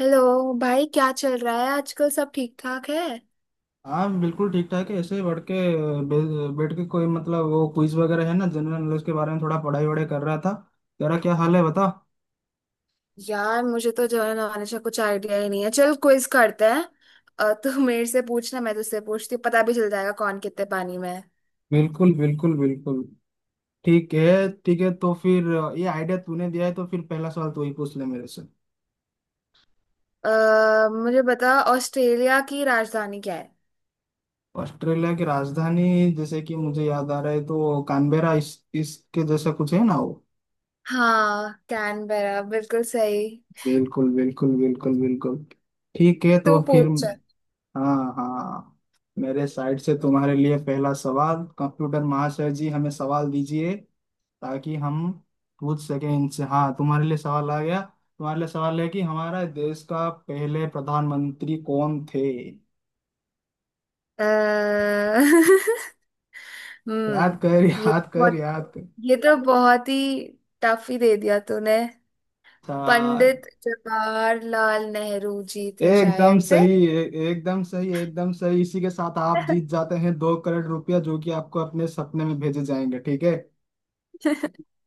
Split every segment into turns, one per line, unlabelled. Hello. भाई, क्या चल रहा है आजकल? सब ठीक ठाक है?
हाँ बिल्कुल ठीक ठाक है। ऐसे ही बढ़ के बैठ के कोई मतलब वो क्विज वगैरह है ना, जनरल नॉलेज के बारे में थोड़ा पढ़ाई वढ़ाई कर रहा था। तेरा क्या हाल है, बता।
यार, मुझे तो जो है ना, हमेशा कुछ आइडिया ही नहीं है। चल, क्विज करते हैं। तू मेरे से पूछना, मैं तुझसे पूछती हूँ। पता भी चल जाएगा कौन कितने पानी में है।
बिल्कुल बिल्कुल बिल्कुल। ठीक है। ठीक है तो फिर ये आइडिया तूने दिया है, तो फिर पहला सवाल तू ही पूछ ले मेरे से।
मुझे बता, ऑस्ट्रेलिया की राजधानी क्या है?
ऑस्ट्रेलिया की राजधानी जैसे कि मुझे याद आ रहा है तो कानबेरा इस, इसके जैसा कुछ है ना वो।
हाँ, कैनबेरा। बिल्कुल सही।
बिल्कुल बिल्कुल बिल्कुल बिल्कुल। ठीक है
तू
तो फिर
पूछ, चल।
हाँ हाँ। मेरे साइड से तुम्हारे लिए पहला सवाल। कंप्यूटर महाशय जी, हमें सवाल दीजिए, ताकि हम पूछ सकें इनसे। हाँ तुम्हारे लिए सवाल आ गया। तुम्हारे लिए सवाल है कि हमारा देश का पहले प्रधानमंत्री कौन थे।
अ,
याद
हम्म।
कर,
ये तो
याद कर,
बहुत
याद कर।
ये तो बहुत ही टफ ही दे दिया तूने।
अच्छा,
पंडित जवाहरलाल नेहरू जी थे
एकदम
शायद से।
सही। एकदम सही, एकदम सही। इसी के साथ आप जीत जाते हैं 2 करोड़ रुपया, जो कि आपको अपने सपने में भेजे जाएंगे, ठीक है।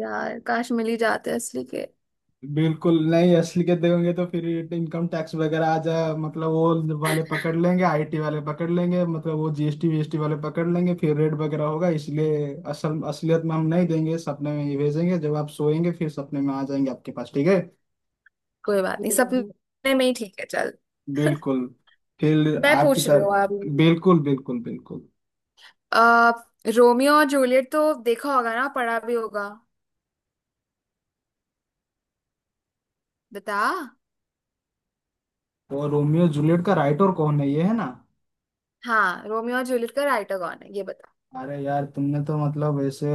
यार, काश मिल ही जाते असली के।
बिल्कुल नहीं असलियत देंगे तो फिर इनकम टैक्स वगैरह आ जाए, मतलब वो वाले पकड़ लेंगे, आईटी वाले पकड़ लेंगे, मतलब वो जीएसटी वीएसटी वाले पकड़ लेंगे, फिर रेट वगैरह होगा, इसलिए असलियत में हम नहीं देंगे, सपने में ही भेजेंगे। जब आप सोएंगे फिर सपने में आ जाएंगे आपके पास, ठीक है।
कोई बात नहीं, सपने में ही ठीक है। चल।
बिल्कुल। फिर
मैं
आपकी
पूछ रही हूँ अब।
तरह बिल्कुल बिल्कुल बिल्कुल।
आ, रोमियो और जूलियट तो देखा होगा ना, पढ़ा भी होगा? बता।
वो रोमियो जूलियट का राइटर कौन है, ये है ना।
हाँ, रोमियो और जूलियट का राइटर कौन है, ये बता।
अरे यार, तुमने तो मतलब ऐसे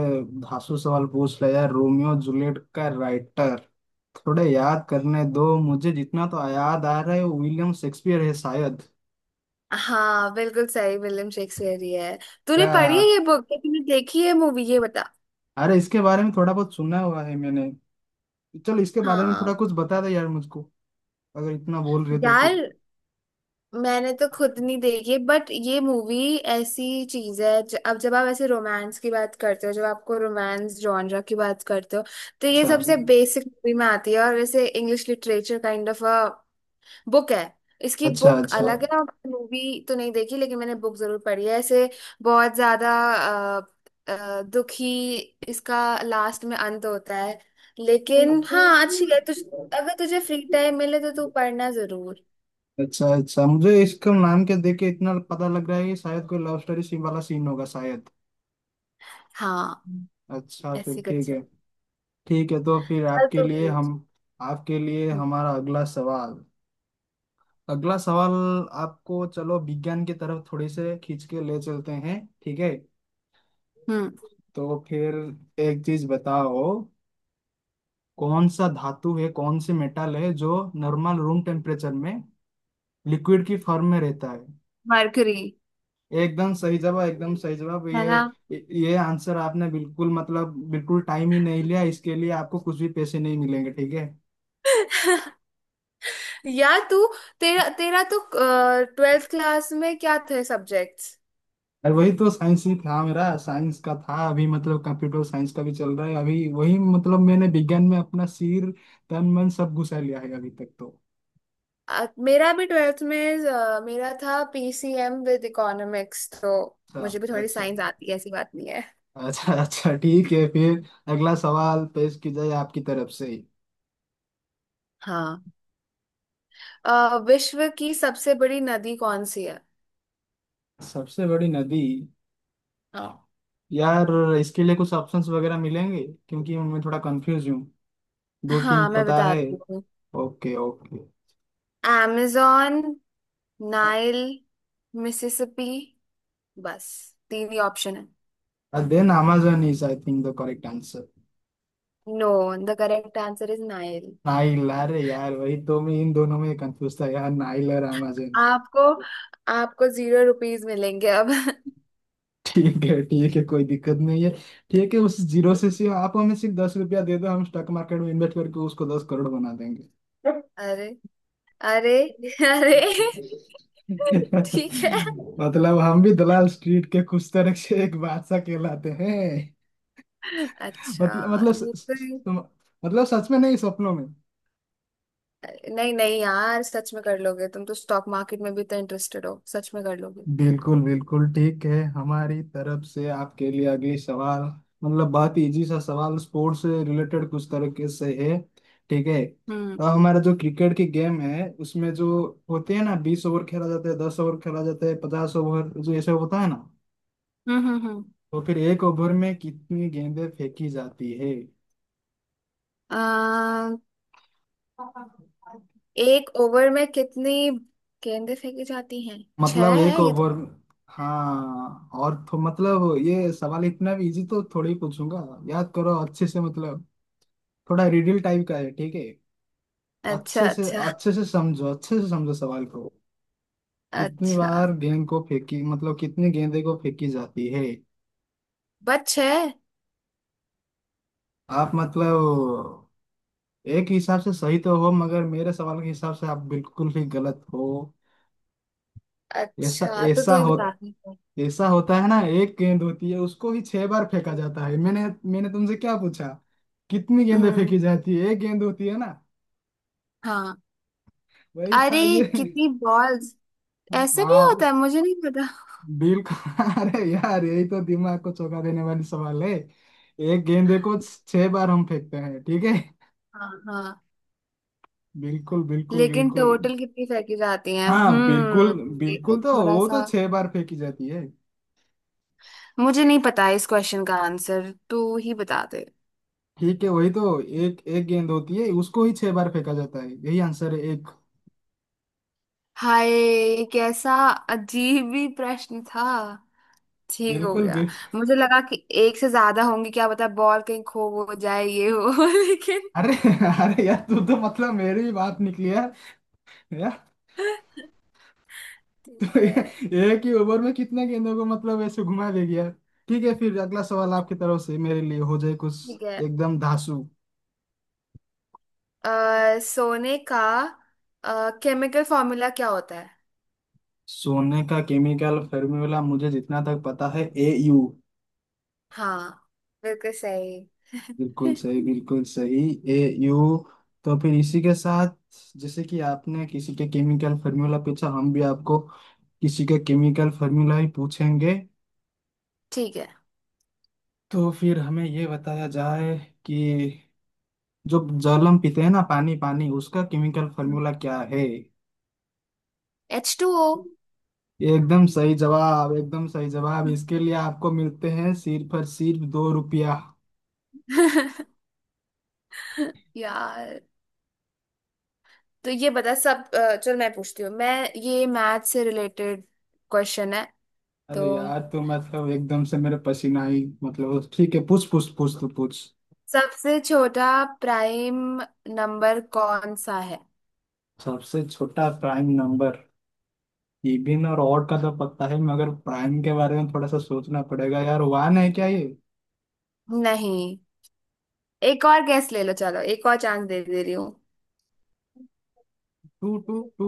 धांसू सवाल पूछ लिया यार। रोमियो जूलियट का राइटर, थोड़ा याद करने दो मुझे। जितना तो याद आ रहा है वो विलियम शेक्सपियर है शायद।
हाँ, बिल्कुल सही। विलियम शेक्सपियर ही है। तूने पढ़ी है ये
या
बुक? तूने देखी है मूवी? ये बता।
अरे, इसके बारे में थोड़ा बहुत सुना हुआ है मैंने। चलो इसके बारे में थोड़ा
हाँ
कुछ बता दे यार मुझको, अगर इतना बोल रहे तो फिर।
यार, मैंने तो खुद नहीं देखी, बट ये मूवी ऐसी चीज है, अब जब आप ऐसे रोमांस की बात करते हो, जब आपको रोमांस जॉनरा की बात करते हो, तो ये
अच्छा
सबसे बेसिक मूवी में आती है, और वैसे English literature kind of a book है। इसकी
अच्छा
बुक
अच्छा
अलग है, और मूवी तो नहीं देखी, लेकिन मैंने बुक जरूर पढ़ी है। ऐसे बहुत ज्यादा दुखी इसका लास्ट में अंत होता है। लेकिन हाँ, अच्छी है। तुझ अगर तुझे फ्री टाइम मिले तो तू पढ़ना जरूर।
अच्छा अच्छा। मुझे इसका नाम के देख के इतना पता लग रहा है कि शायद कोई लव स्टोरी सीन वाला सीन होगा शायद।
हाँ,
अच्छा फिर
ऐसी
ठीक
कुछ है।
है। ठीक है तो फिर
चल,
आपके
तू
लिए हम,
पूछ।
आपके लिए हमारा अगला सवाल, अगला सवाल। आपको चलो विज्ञान की तरफ थोड़ी से खींच के ले चलते हैं, ठीक है।
हम्म।
तो फिर एक चीज बताओ, कौन सा धातु है, कौन सी मेटल है जो नॉर्मल रूम टेम्परेचर में लिक्विड की फॉर्म में रहता है।
मरकरी,
एकदम सही जवाब, एकदम सही जवाब।
है ना?
ये आंसर आपने बिल्कुल मतलब बिल्कुल टाइम ही नहीं लिया। इसके लिए आपको कुछ भी पैसे नहीं मिलेंगे, ठीक है।
यार तू, तेरा तेरा तो ट्वेल्थ क्लास में क्या थे सब्जेक्ट्स?
अरे वही तो साइंस ही था मेरा, साइंस का था अभी, मतलब कंप्यूटर साइंस का भी चल रहा है अभी। वही मतलब मैंने विज्ञान में अपना सिर, तन, मन सब घुसा लिया है अभी तक तो।
मेरा भी ट्वेल्थ में मेरा था PCM विद इकोनॉमिक्स, तो
अच्छा
मुझे भी थोड़ी
अच्छा।
साइंस आती है, ऐसी बात नहीं है।
अच्छा अच्छा ठीक है फिर। अगला सवाल पेश की जाए आपकी तरफ से।
हाँ, विश्व की सबसे बड़ी नदी कौन सी है?
सबसे बड़ी नदी,
हाँ
यार इसके लिए कुछ ऑप्शंस वगैरह मिलेंगे, क्योंकि मैं थोड़ा कंफ्यूज हूँ। दो तीन
हाँ, मैं
पता है।
बताती हूँ।
Okay okay.
amazon, Nile, Mississippi. बस तीन ही ऑप्शन है।
Then Amazon is I think the correct.
No, the correct answer is Nile.
Nile? अरे यार, वही तो मैं इन दोनों में कंफ्यूज था यार, नाइल और अमेजन।
आपको आपको जीरो रुपीज मिलेंगे अब।
ठीक है ठीक है, कोई दिक्कत नहीं है। ठीक है, उस जीरो से आप हमें सिर्फ 10 रुपया दे दो, हम स्टॉक मार्केट में इन्वेस्ट करके उसको 10 करोड़ बना देंगे।
अरे! अरे! अरे, ठीक है।
मतलब हम भी दलाल स्ट्रीट के कुछ तरह से एक बादशाह कहलाते हैं। मतलब
अच्छा,
मतलब स,
ये
स, स,
तो
मतलब सच में नहीं, सपनों में।
नहीं नहीं यार, सच में कर लोगे तुम तो। स्टॉक मार्केट में भी इतना इंटरेस्टेड हो, सच में कर लोगे।
बिल्कुल बिल्कुल। ठीक है, हमारी तरफ से आपके लिए अगली सवाल, मतलब बहुत ही इजी सा सवाल, स्पोर्ट्स से रिलेटेड कुछ तरीके से है, ठीक है।
हम्म,
और हमारा जो क्रिकेट की गेम है, उसमें जो होते हैं ना, 20 ओवर खेला जाता है, 10 ओवर खेला जाता है, 50 ओवर जो ऐसे होता है ना,
हम्म, हम्म,
तो फिर एक ओवर में कितनी गेंदें फेंकी जाती है।
अम, एक ओवर में कितनी गेंदें फेंकी जाती हैं? छह
मतलब एक
है ये तो।
ओवर, हाँ और तो मतलब, ये सवाल इतना भी इजी तो थोड़ी पूछूंगा। याद करो अच्छे से, मतलब थोड़ा रिडल टाइप का है, ठीक है।
अच्छा, अच्छा,
अच्छे से समझो, अच्छे से समझो सवाल को। कितनी
अच्छा।
बार गेंद को फेंकी, मतलब कितनी गेंदे को फेंकी जाती है।
बस छह।
आप मतलब एक हिसाब से सही तो हो, मगर मेरे सवाल के हिसाब से आप बिल्कुल ही गलत हो। ऐसा
अच्छा, तो
ऐसा
तू ही
हो,
बता रही है।
ऐसा होता है ना, एक गेंद होती है उसको ही 6 बार फेंका जाता है। मैंने, मैंने तुमसे क्या पूछा, कितनी गेंदें
हम्म।
फेंकी जाती है। एक गेंद होती है ना,
हाँ।
वही
अरे,
था ये।
कितनी बॉल्स! ऐसे भी होता
हाँ
है, मुझे नहीं पता।
बिल्कुल। अरे यार, यही तो दिमाग को चौंका देने वाली सवाल है। एक गेंदे को 6 बार हम फेंकते हैं, ठीक है।
हाँ हाँ,
बिल्कुल बिल्कुल
लेकिन
बिल्कुल।
टोटल कितनी फेंकी जाती हैं?
हाँ बिल्कुल,
हम्म। ये तो
बिल्कुल तो
थोड़ा
वो तो
सा
6 बार फेंकी जाती है।
मुझे नहीं पता है। इस क्वेश्चन का आंसर तू ही बता दे।
ठीक है, वही तो, एक एक गेंद होती है, उसको ही छह बार फेंका जाता है, यही आंसर है एक।
हाय, ये कैसा अजीब ही प्रश्न था! ठीक, हो
बिल्कुल
गया।
बिल्कुल।
मुझे लगा कि एक से ज्यादा होंगी, क्या पता बॉल कहीं खो हो जाए, ये हो। लेकिन
अरे अरे यार, तू तो मतलब मेरी ही बात निकली यार।
ठीक है,
एक ही ओवर में कितने गेंदों को मतलब ऐसे घुमा दे गया। ठीक है, फिर अगला सवाल आपकी तरफ से मेरे लिए हो जाए कुछ
ठीक है।
एकदम धांसू।
अ, सोने का केमिकल फॉर्मूला क्या होता है?
सोने का केमिकल फॉर्मूला मुझे जितना तक पता है Au।
हाँ, बिल्कुल सही।
बिल्कुल सही बिल्कुल सही। Au, तो फिर इसी के साथ जैसे कि आपने किसी के केमिकल फॉर्मूला पूछा, हम भी आपको किसी के केमिकल फॉर्मूला ही पूछेंगे।
ठीक है।
तो फिर हमें ये बताया जाए कि जो जल हम पीते हैं ना, पानी पानी, उसका केमिकल
हम्म।
फॉर्मूला क्या है।
H2O।
एकदम सही जवाब, एकदम सही जवाब। इसके लिए आपको मिलते हैं सिर्फ और सिर्फ 2 रुपया।
हम्म। यार, तो ये बता सब। चल, मैं पूछती हूँ। मैं ये मैथ से रिलेटेड क्वेश्चन है, तो
अरे यार, तो मतलब एकदम से मेरे पसीना ही, मतलब ठीक है, पूछ पूछ पूछ, तो पूछ।
सबसे छोटा प्राइम नंबर कौन सा है?
सबसे छोटा प्राइम नंबर। इवन और ऑड का तो पता है, मगर प्राइम के बारे में थोड़ा सा सोचना पड़ेगा यार। 1 है क्या ये?
नहीं, एक और गैस ले लो। चलो, एक और चांस दे दे रही हूँ।
2 2 2।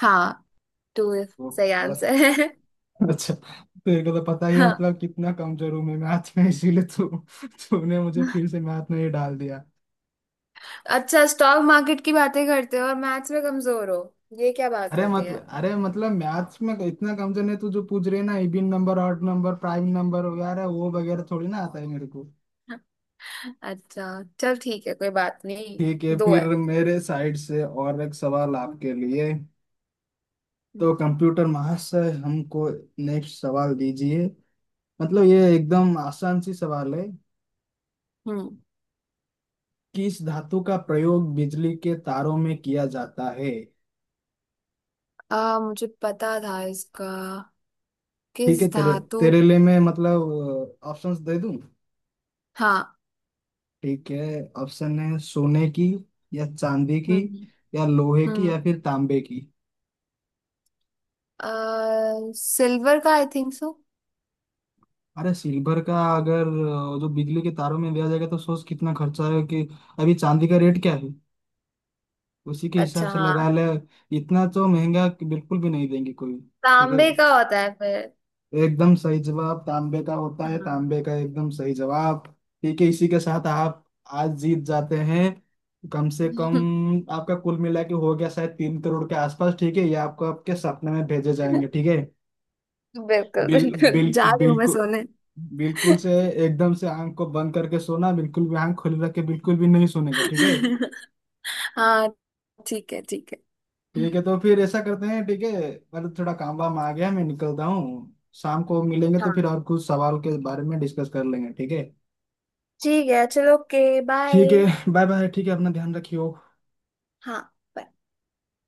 हाँ, टू। सही आंसर
ओ,
है।
अच्छा तो ये तो पता ही है।
हाँ।
मतलब कितना कमजोर हूँ मैं मैथ में, इसीलिए तू, तूने मुझे फिर से मैथ में ही डाल दिया।
अच्छा, स्टॉक मार्केट की बातें करते हो और मैथ्स में कमजोर हो? ये क्या बात
अरे
होती है?
मतलब, अरे मतलब, मैथ्स में तो इतना कमजोर है तू, जो पूछ रहे ना, even number, odd number, prime number वगैरह वो वगैरह थोड़ी ना आता है मेरे को।
अच्छा, चल ठीक है, कोई बात नहीं।
ठीक है,
दो है।
फिर मेरे साइड से और एक सवाल आपके लिए। तो कंप्यूटर महाशय, हमको नेक्स्ट सवाल दीजिए। मतलब ये एकदम आसान सी सवाल है,
हम्म।
किस धातु का प्रयोग बिजली के तारों में किया जाता है।
मुझे पता था इसका।
ठीक है
किस
तेरे,
धातु?
तेरे लिए मैं मतलब ऑप्शंस दे दूं,
हाँ।
ठीक है। ऑप्शन है सोने की, या चांदी की,
हम्म,
या लोहे
हम्म,
की, या फिर तांबे की।
सिल्वर का, आई थिंक सो।
अरे सिल्वर का अगर, जो बिजली के तारों में दिया जाएगा, तो सोच कितना खर्चा है कि अभी चांदी का रेट क्या है, उसी के हिसाब
अच्छा
से
हाँ,
लगा ले। इतना तो महंगा कि बिल्कुल भी नहीं देंगे कोई। ठीक है,
तांबे का होता है फिर।
एकदम सही जवाब, तांबे का होता है,
हाँ।
तांबे का, एकदम सही जवाब। ठीक है, इसी के साथ आप आज जीत जाते हैं कम से कम, आपका कुल मिला के हो गया शायद 3 करोड़ के आसपास, ठीक है। ये आपको आपके सपने में भेजे जाएंगे, ठीक है।
बिल्कुल
बिल
बिल्कुल,
बिल
जा रही हूँ मैं
बिल्कुल,
सोने।
बिल्कुल से एकदम से आंख को बंद करके सोना, बिल्कुल भी आंख खुली रख के बिल्कुल भी नहीं सोने का, ठीक है।
हाँ, ठीक है, ठीक है।
ठीक है तो फिर ऐसा करते हैं, ठीक है। मतलब थोड़ा काम वाम आ गया, मैं निकलता हूँ। शाम को मिलेंगे तो
हाँ,
फिर और कुछ सवाल के बारे में डिस्कस कर लेंगे, ठीक है।
ठीक है। चलो, ओके, बाय।
ठीक है, बाय बाय, ठीक है, अपना ध्यान रखियो।
हाँ।